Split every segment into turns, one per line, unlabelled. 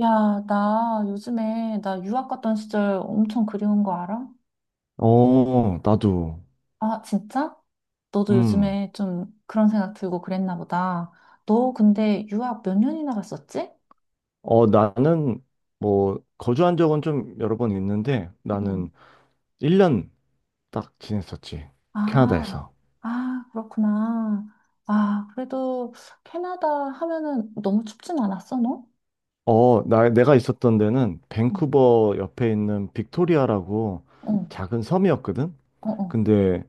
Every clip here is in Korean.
야, 나 요즘에 나 유학 갔던 시절 엄청 그리운 거 알아?
어, 나도.
아, 진짜? 너도
음.
요즘에 좀 그런 생각 들고 그랬나 보다. 너 근데 유학 몇 년이나 갔었지?
나는 뭐 거주한 적은 좀 여러 번 있는데
응.
나는 1년 딱 지냈었지.
아,
캐나다에서.
아, 그렇구나. 아, 그래도 캐나다 하면은 너무 춥진 않았어, 너?
나 내가 있었던 데는
응.
밴쿠버 옆에 있는 빅토리아라고
어,
작은 섬이었거든.
어, 어.
근데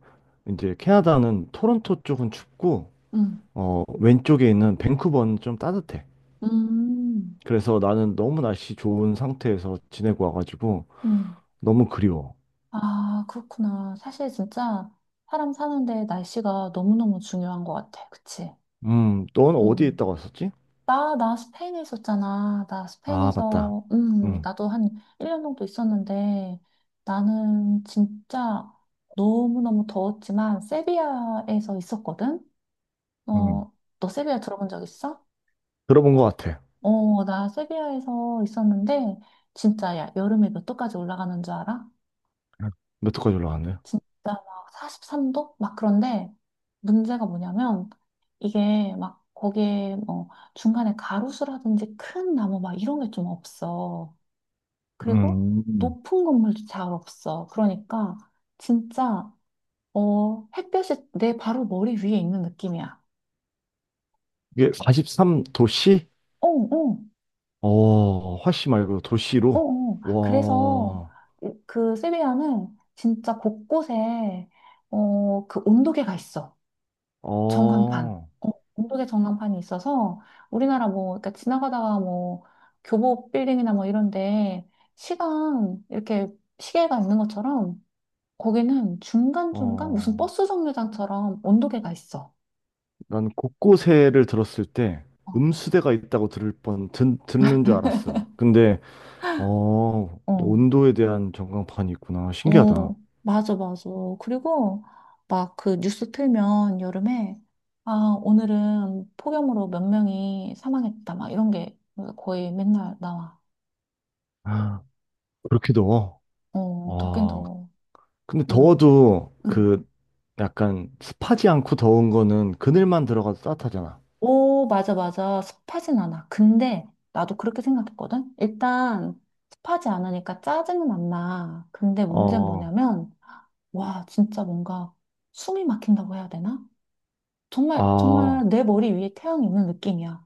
이제 캐나다는 토론토 쪽은 춥고
응.
왼쪽에 있는 밴쿠버는 좀 따뜻해.
음,
그래서 나는 너무 날씨 좋은 상태에서 지내고 와가지고
음.
너무 그리워.
아, 그렇구나. 사실 진짜 사람 사는데 날씨가 너무너무 중요한 것 같아. 그치?
넌 어디에
음.
있다고 왔었지?
나 스페인에 있었잖아. 나
아, 맞다.
스페인에서,
음,
나도 한 1년 정도 있었는데, 나는 진짜 너무너무 더웠지만, 세비야에서 있었거든?
음.
어, 너 세비야 들어본 적 있어?
들어본 것 같아.
어, 나 세비야에서 있었는데, 진짜 야, 여름에 몇 도까지 올라가는 줄 알아?
몇도까지 올라왔요?
진짜 막 43도? 막 그런데 문제가 뭐냐면 이게 막 거기에 뭐 중간에 가로수라든지 큰 나무 막 이런 게 좀 없어. 그리고
음.
높은 건물도 잘 없어. 그러니까 진짜 햇볕이 내 바로 머리 위에 있는 느낌이야.
이게 43 도시?
어, 어,
어, 화씨 말고
어,
도시로?
어. 그래서
와,
그 세비야는 진짜 곳곳에 그 온도계가 있어. 전광판.
어,
어, 언덕에 전광판이 있어서 우리나라 뭐, 그러니까 지나가다가 뭐, 교보 빌딩이나 뭐 이런데 시간, 이렇게 시계가 있는 것처럼 거기는 중간중간 무슨
어.
버스 정류장처럼 언덕에가 있어.
난 곳곳에를 들었을 때
어,
음수대가 있다고 듣는 줄 알았어. 근데, 어,
어,
온도에 대한 전광판이 있구나. 신기하다.
어, 맞아, 맞아. 그리고 막 그 뉴스 틀면 여름에 아, 오늘은 폭염으로 몇 명이 사망했다. 막 이런 게 거의 맨날 나와.
아, 그렇게 더워?
어, 덥긴
와,
더워.
근데
응
더워도
응.
그 약간 습하지 않고 더운 거는 그늘만 들어가도 따뜻하잖아.
오, 맞아, 맞아. 습하진 않아. 근데 나도 그렇게 생각했거든? 일단 습하지 않으니까 짜증은 안 나. 근데 문제는
어,
뭐냐면, 와, 진짜 뭔가 숨이 막힌다고 해야 되나? 정말,
아,
정말 내 머리 위에 태양이 있는 느낌이야.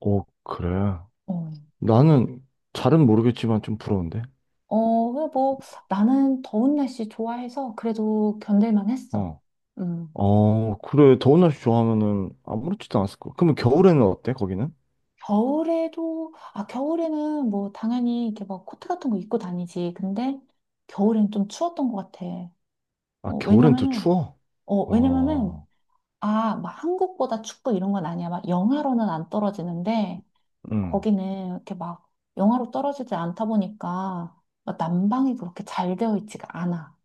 오, 그래.
어,
나는 잘은 모르겠지만 좀 부러운데.
어, 그래 뭐 나는 더운 날씨 좋아해서 그래도 견딜만 했어.
어,
음.
그래. 더운 날씨 좋아하면은 아무렇지도 않았을 거. 그러면 겨울에는 어때? 거기는?
겨울에도, 아, 겨울에는 뭐 당연히 이렇게 막 코트 같은 거 입고 다니지. 근데 겨울엔 좀 추웠던 것 같아.
아,
어,
겨울엔 또
왜냐면은,
추워?
어, 왜냐면은,
어,
아, 막 한국보다 축구 이런 건 아니야. 막 영하로는 안 떨어지는데,
응.
거기는 이렇게 막 영하로 떨어지지 않다 보니까, 막 난방이 그렇게 잘 되어 있지가 않아.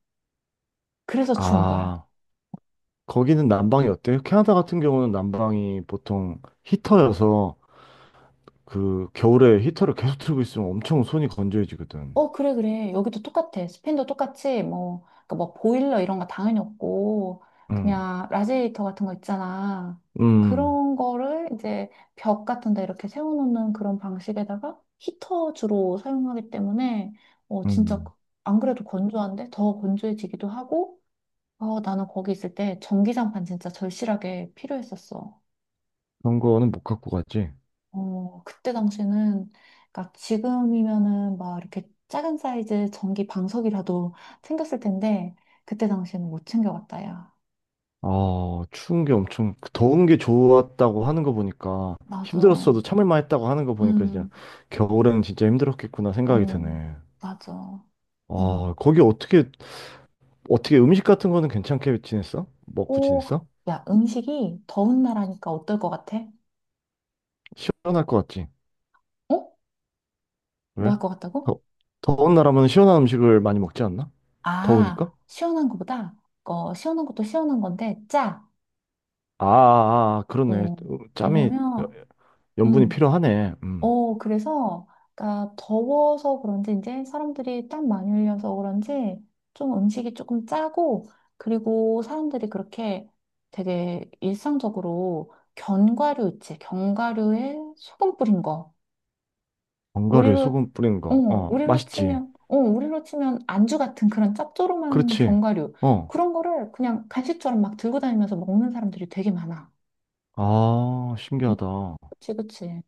그래서 추운 거야.
아, 거기는 난방이 어때요? 캐나다 같은 경우는 난방이 보통 히터여서 그 겨울에 히터를 계속 틀고 있으면 엄청 손이 건조해지거든.
어, 그래, 그래. 여기도 똑같아. 스페인도 똑같이, 뭐, 그러니까 뭐, 보일러 이런 거 당연히 없고,
응,
그냥 라지에이터 같은 거 있잖아.
음, 음.
그런 거를 이제 벽 같은 데 이렇게 세워놓는 그런 방식에다가 히터 주로 사용하기 때문에, 진짜
음.
안 그래도 건조한데 더 건조해지기도 하고, 나는 거기 있을 때 전기장판 진짜 절실하게 필요했었어.
그런 거는 못 갖고 가지.
어, 그때 당시에는, 그러니까 지금이면은 막 이렇게 작은 사이즈 전기 방석이라도 챙겼을 텐데, 그때 당시에는 못 챙겨갔다, 야.
아, 추운 게 엄청, 그 더운 게 좋았다고 하는 거 보니까,
맞아.
힘들었어도 참을 만했다고 하는 거 보니까, 진짜,
음,
겨울에는 진짜 힘들었겠구나 생각이
어,
드네.
맞아.
아,
음.
거기 어떻게 음식 같은 거는 괜찮게 지냈어? 먹고
오,
지냈어?
야, 음식이 더운 나라니까 어떨 것 같아?
시원할 것 같지?
어? 뭐
왜?
할 것 같다고?
더, 더운 나라면 시원한 음식을 많이 먹지 않나?
아,
더우니까?
시원한 거보다, 시원한 것도 시원한 건데, 짜.
아, 그러네.
음,
어, 짬이, 여-
왜냐면,
연분이
음.
필요하네. 음.
그래서, 그러니까 더워서 그런지 이제 사람들이 땀 많이 흘려서 그런지 좀 음식이 조금 짜고, 그리고 사람들이 그렇게 되게 일상적으로 견과류 있지, 견과류에 소금 뿌린 거.
견과류에
우리로,
소금 뿌린
어,
거. 어,
우리로
맛있지.
치면, 우리로 치면 안주 같은 그런 짭조름한
그렇지.
견과류.
어.
그런 거를 그냥 간식처럼 막 들고 다니면서 먹는 사람들이 되게 많아.
아,
음,
신기하다.
그치, 그치.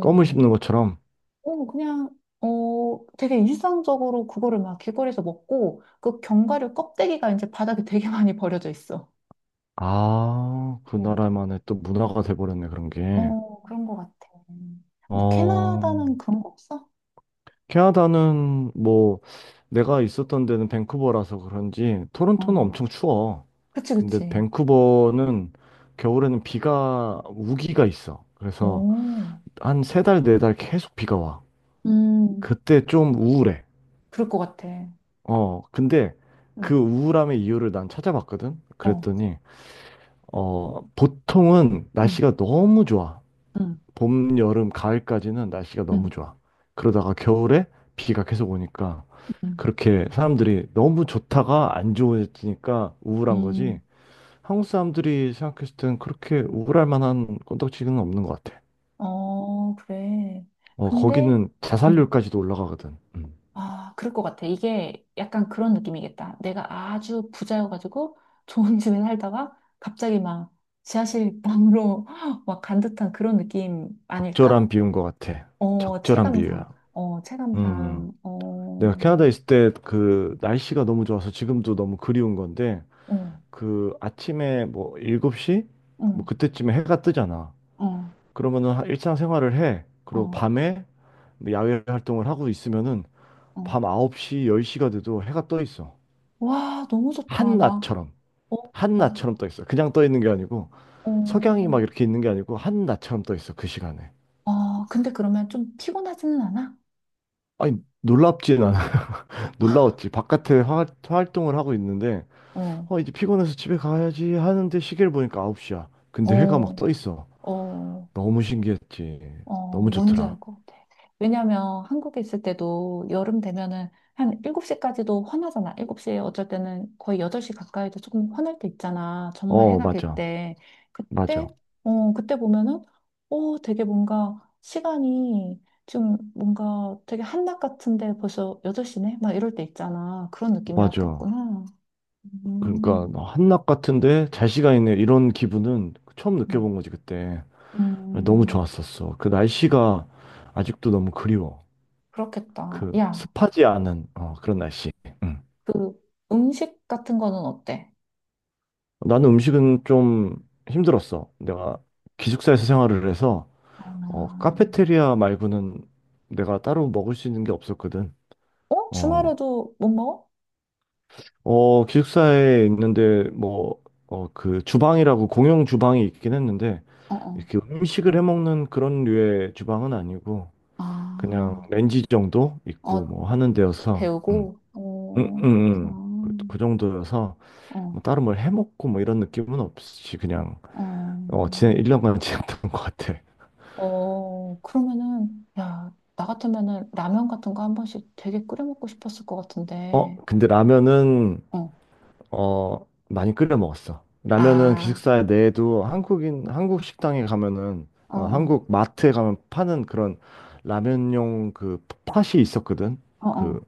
껌을 씹는 것처럼.
그냥, 되게 일상적으로 그거를 막 길거리에서 먹고, 그 견과류 껍데기가 이제 바닥에 되게 많이 버려져 있어.
아, 그
어,
나라만의 또 문화가 돼버렸네, 그런 게.
어, 그런 것 같아. 뭐,
어,
캐나다는 그런 거 없어?
캐나다는 뭐, 내가 있었던 데는 밴쿠버라서 그런지, 토론토는
어,
엄청 추워.
그치,
근데
그치.
밴쿠버는 겨울에는 비가, 우기가 있어. 그래서
오,
한 3 달, 4 달 계속 비가 와.
음,
그때 좀 우울해.
그럴 것 같아.
근데
응,
그 우울함의 이유를 난 찾아봤거든?
어,
그랬더니, 어, 보통은
응,
날씨가 너무 좋아.
응,
봄, 여름, 가을까지는 날씨가 너무
응,
좋아. 그러다가 겨울에 비가 계속 오니까
응,
그렇게 사람들이 너무 좋다가 안 좋아지니까 우울한
응.
거지. 한국 사람들이 생각했을 땐 그렇게 우울할 만한 건덕지는 없는 것 같아.
어, 그래.
어,
근데,
거기는
응.
자살률까지도 올라가거든. 음.
아, 그럴 것 같아. 이게 약간 그런 느낌이겠다. 내가 아주 부자여가지고 좋은 집에 살다가 갑자기 막 지하실 방으로 막 간 듯한 그런 느낌 아닐까?
적절한 비유인 것 같아.
어,
적절한
체감상.
비유야.
어,
음.
체감상.
내가
어,
캐나다에 있을 때 그 날씨가 너무 좋아서 지금도 너무 그리운 건데
어,
그 아침에 뭐 7시? 뭐
어,
그때쯤에 해가 뜨잖아.
어,
그러면은 하- 일상생활을 해. 그리고
어,
밤에 뭐 야외 활동을 하고 있으면은
어.
밤 9시, 10시가 돼도 해가 떠 있어.
와, 너무 좋다. 나,
한낮처럼.
어, 아,
한낮처럼 떠 있어. 그냥 떠 있는 게 아니고
어,
석양이 막 이렇게 있는 게 아니고 한낮처럼 떠 있어. 그 시간에.
아, 근데 그러면 좀 피곤하지는 않아?
아니 놀랍지 않아. 놀라웠지. 바깥에 화- 활동을 하고 있는데
어,
이제 피곤해서 집에 가야지 하는데 시계를 보니까 9시야. 근데 해가 막
어,
떠 있어.
어.
너무 신기했지.
어,
너무
뭔지
좋더라.
알 것 같아. 왜냐면 한국에 있을 때도 여름 되면은 한 7시까지도 환하잖아. 7시에 어쩔 때는 거의 8시 가까이도 조금 환할 때 있잖아. 정말
어,
해가 길
맞아.
때.
맞아.
그때, 그때 보면은, 오, 되게 뭔가 시간이 좀 뭔가 되게 한낮 같은데 벌써 8시네? 막 이럴 때 있잖아. 그런
맞아.
느낌이었겠구나.
그러니까
음,
한낮 같은데 잘 시간이네. 이런 기분은 처음
음.
느껴본 거지, 그때. 너무
음,
좋았었어. 그 날씨가 아직도 너무 그리워.
그렇겠다.
그
야,
습하지 않은 어, 그런 날씨. 응.
그 음식 같은 거는 어때?
나는 음식은 좀 힘들었어. 내가 기숙사에서 생활을 해서
아.
카페테리아 말고는 내가 따로 먹을 수 있는 게 없었거든.
어?
어,
주말에도 못 먹어?
어, 기숙사에 있는데 뭐, 어, 그 주방이라고 공용 주방이 있긴 했는데
어, 어.
이렇게 음식을 해 먹는 그런 류의 주방은 아니고 그냥
아,
렌지 정도
어,
있고 뭐 하는 데여서
데우고? 어, 그렇구나.
그 정도여서
어,
뭐 따로 뭘 해 먹고 뭐 이런 느낌은 없이 그냥
어.
어, 지난 1년간 지냈던 것 같아.
그러면은, 야, 나 같으면은 라면 같은 거 한 번씩 되게 끓여 먹고 싶었을 것
어,
같은데.
근데 라면은
어,
어, 많이 끓여 먹었어. 라면은
아,
기숙사에 내도 한국인, 한국 식당에 가면은,
어,
어,
어,
한국 마트에 가면 파는 그런 라면용 그 팥이 있었거든.
어,
그,
어.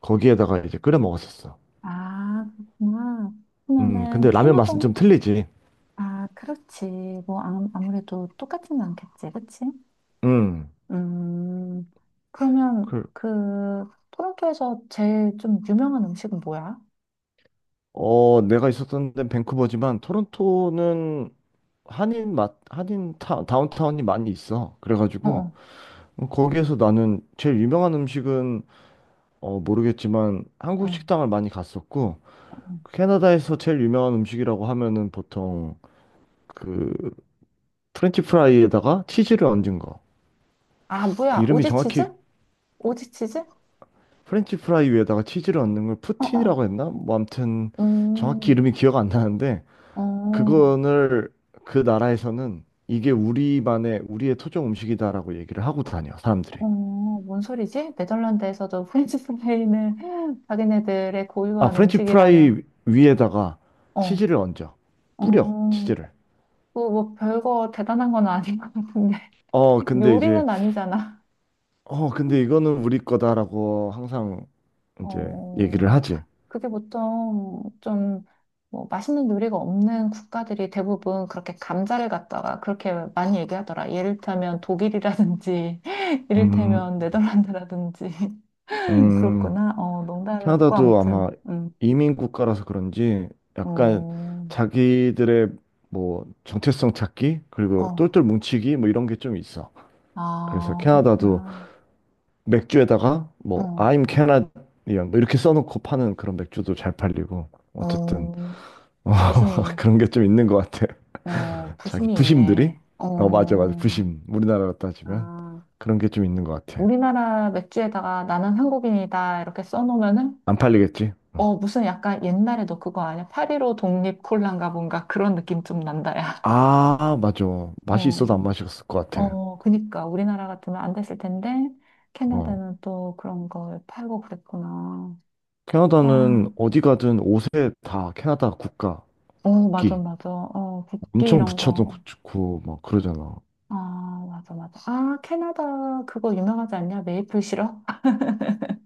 거기에다가 이제 끓여 먹었었어.
아, 그렇구나. 그러면은
근데 라면
캐나다,
맛은 좀 틀리지.
아, 그렇지. 뭐, 아, 아무래도 똑같진 않겠지, 그치?
음,
음, 그러면
그,
그 토론토에서 제일 좀 유명한 음식은 뭐야?
내가 있었던 데는 밴쿠버지만 토론토는 한인 맛, 한인 타, 다운타운이 많이 있어.
어,
그래가지고,
어,
어, 거기에서 나는 제일 유명한 음식은, 어, 모르겠지만 한국
어.
식당을 많이 갔었고,
어.
캐나다에서 제일 유명한 음식이라고 하면은 보통 그 프렌치 프라이에다가 치즈를 얹은 거.
아,
그
뭐야?
이름이 정확히
오지치즈? 오지치즈? 어,
프렌치 프라이 위에다가 치즈를 얹는 걸
어.
푸틴이라고 했나? 뭐 아무튼 정확히
음,
이름이 기억 안 나는데
어,
그거를 그 나라에서는 이게 우리만의 우리의 토종 음식이다라고 얘기를 하고 다녀 사람들이.
어, 뭔 소리지? 네덜란드에서도 프렌치프레이는 자기네들의
아
고유한
프렌치
음식이라면,
프라이 위에다가
어,
치즈를 얹어
어,
뿌려 치즈를.
그뭐 별거 대단한 건 아닌 것 같은데.
어 근데 이제
요리는 아니잖아.
어, 근데 이거는 우리 거다라고 항상 이제 얘기를
어,
하지.
그게 보통 좀, 뭐, 맛있는 요리가 없는 국가들이 대부분 그렇게 감자를 갖다가 그렇게 많이 얘기하더라. 예를 들면 독일이라든지,
음,
이를테면 네덜란드라든지.
음,
그렇구나. 어, 농담이었고,
캐나다도
아무튼,
아마 이민 국가라서 그런지 약간
어,
자기들의 뭐 정체성 찾기 그리고
어,
똘똘 뭉치기 뭐 이런 게 좀 있어. 그래서
아,
캐나다도
그렇구나.
맥주에다가 뭐
어,
I'm Canadian 뭐 이렇게 써놓고 파는 그런 맥주도 잘 팔리고 어쨌든
어,
어,
부심이,
그런 게 좀 있는 것 같아. 자기
부심이
부심들이
있네.
어 맞아 맞아
어,
부심 우리나라로 따지면
아.
그런 게 좀 있는 것 같아
우리나라 맥주에다가 나는 한국인이다 이렇게 써놓으면은
안 팔리겠지 어.
어, 무슨 약간 옛날에 너 그거 아니야? 8.15 독립 콜라인가 뭔가 그런 느낌 좀 난다, 야.
아 맞아 맛이 있어도
어,
안 마셨을 것 같아
어, 그니까. 우리나라 같으면 안 됐을 텐데,
어
캐나다는 또 그런 걸 팔고 그랬구나.
캐나다는
와,
어디 가든 옷에 다 캐나다 국가
어, 맞아,
국기
맞아. 어, 국기
엄청
이런
붙여도
거.
좋고 막 그러잖아
아, 맞아, 맞아. 아, 캐나다 그거 유명하지 않냐? 메이플 시럽?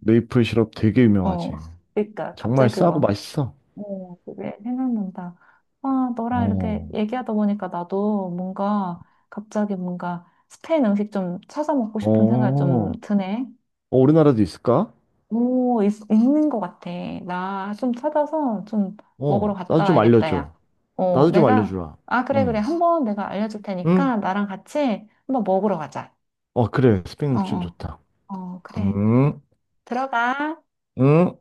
메이플 시럽 되게
어,
유명하지
그니까.
정말
갑자기
싸고
그거.
맛있어
어, 그게 생각난다. 아, 너랑 이렇게
어
얘기하다 보니까 나도 뭔가 갑자기 뭔가 스페인 음식 좀 찾아 먹고
어,
싶은 생각이 좀
어,
드네.
우리나라도 있을까?
오, 있는 것 같아. 나 좀 찾아서 좀 먹으러
어, 나도
갔다
좀
와야겠다, 야.
알려줘.
어,
나도 좀
내가,
알려주라.
아, 그래, 그래.
음.
한번 내가 알려줄
응?
테니까 나랑 같이 한번 먹으러 가자.
어, 그래. 스팸
어,
음식
어,
좋다.
어, 그래.
응,
들어가.
응.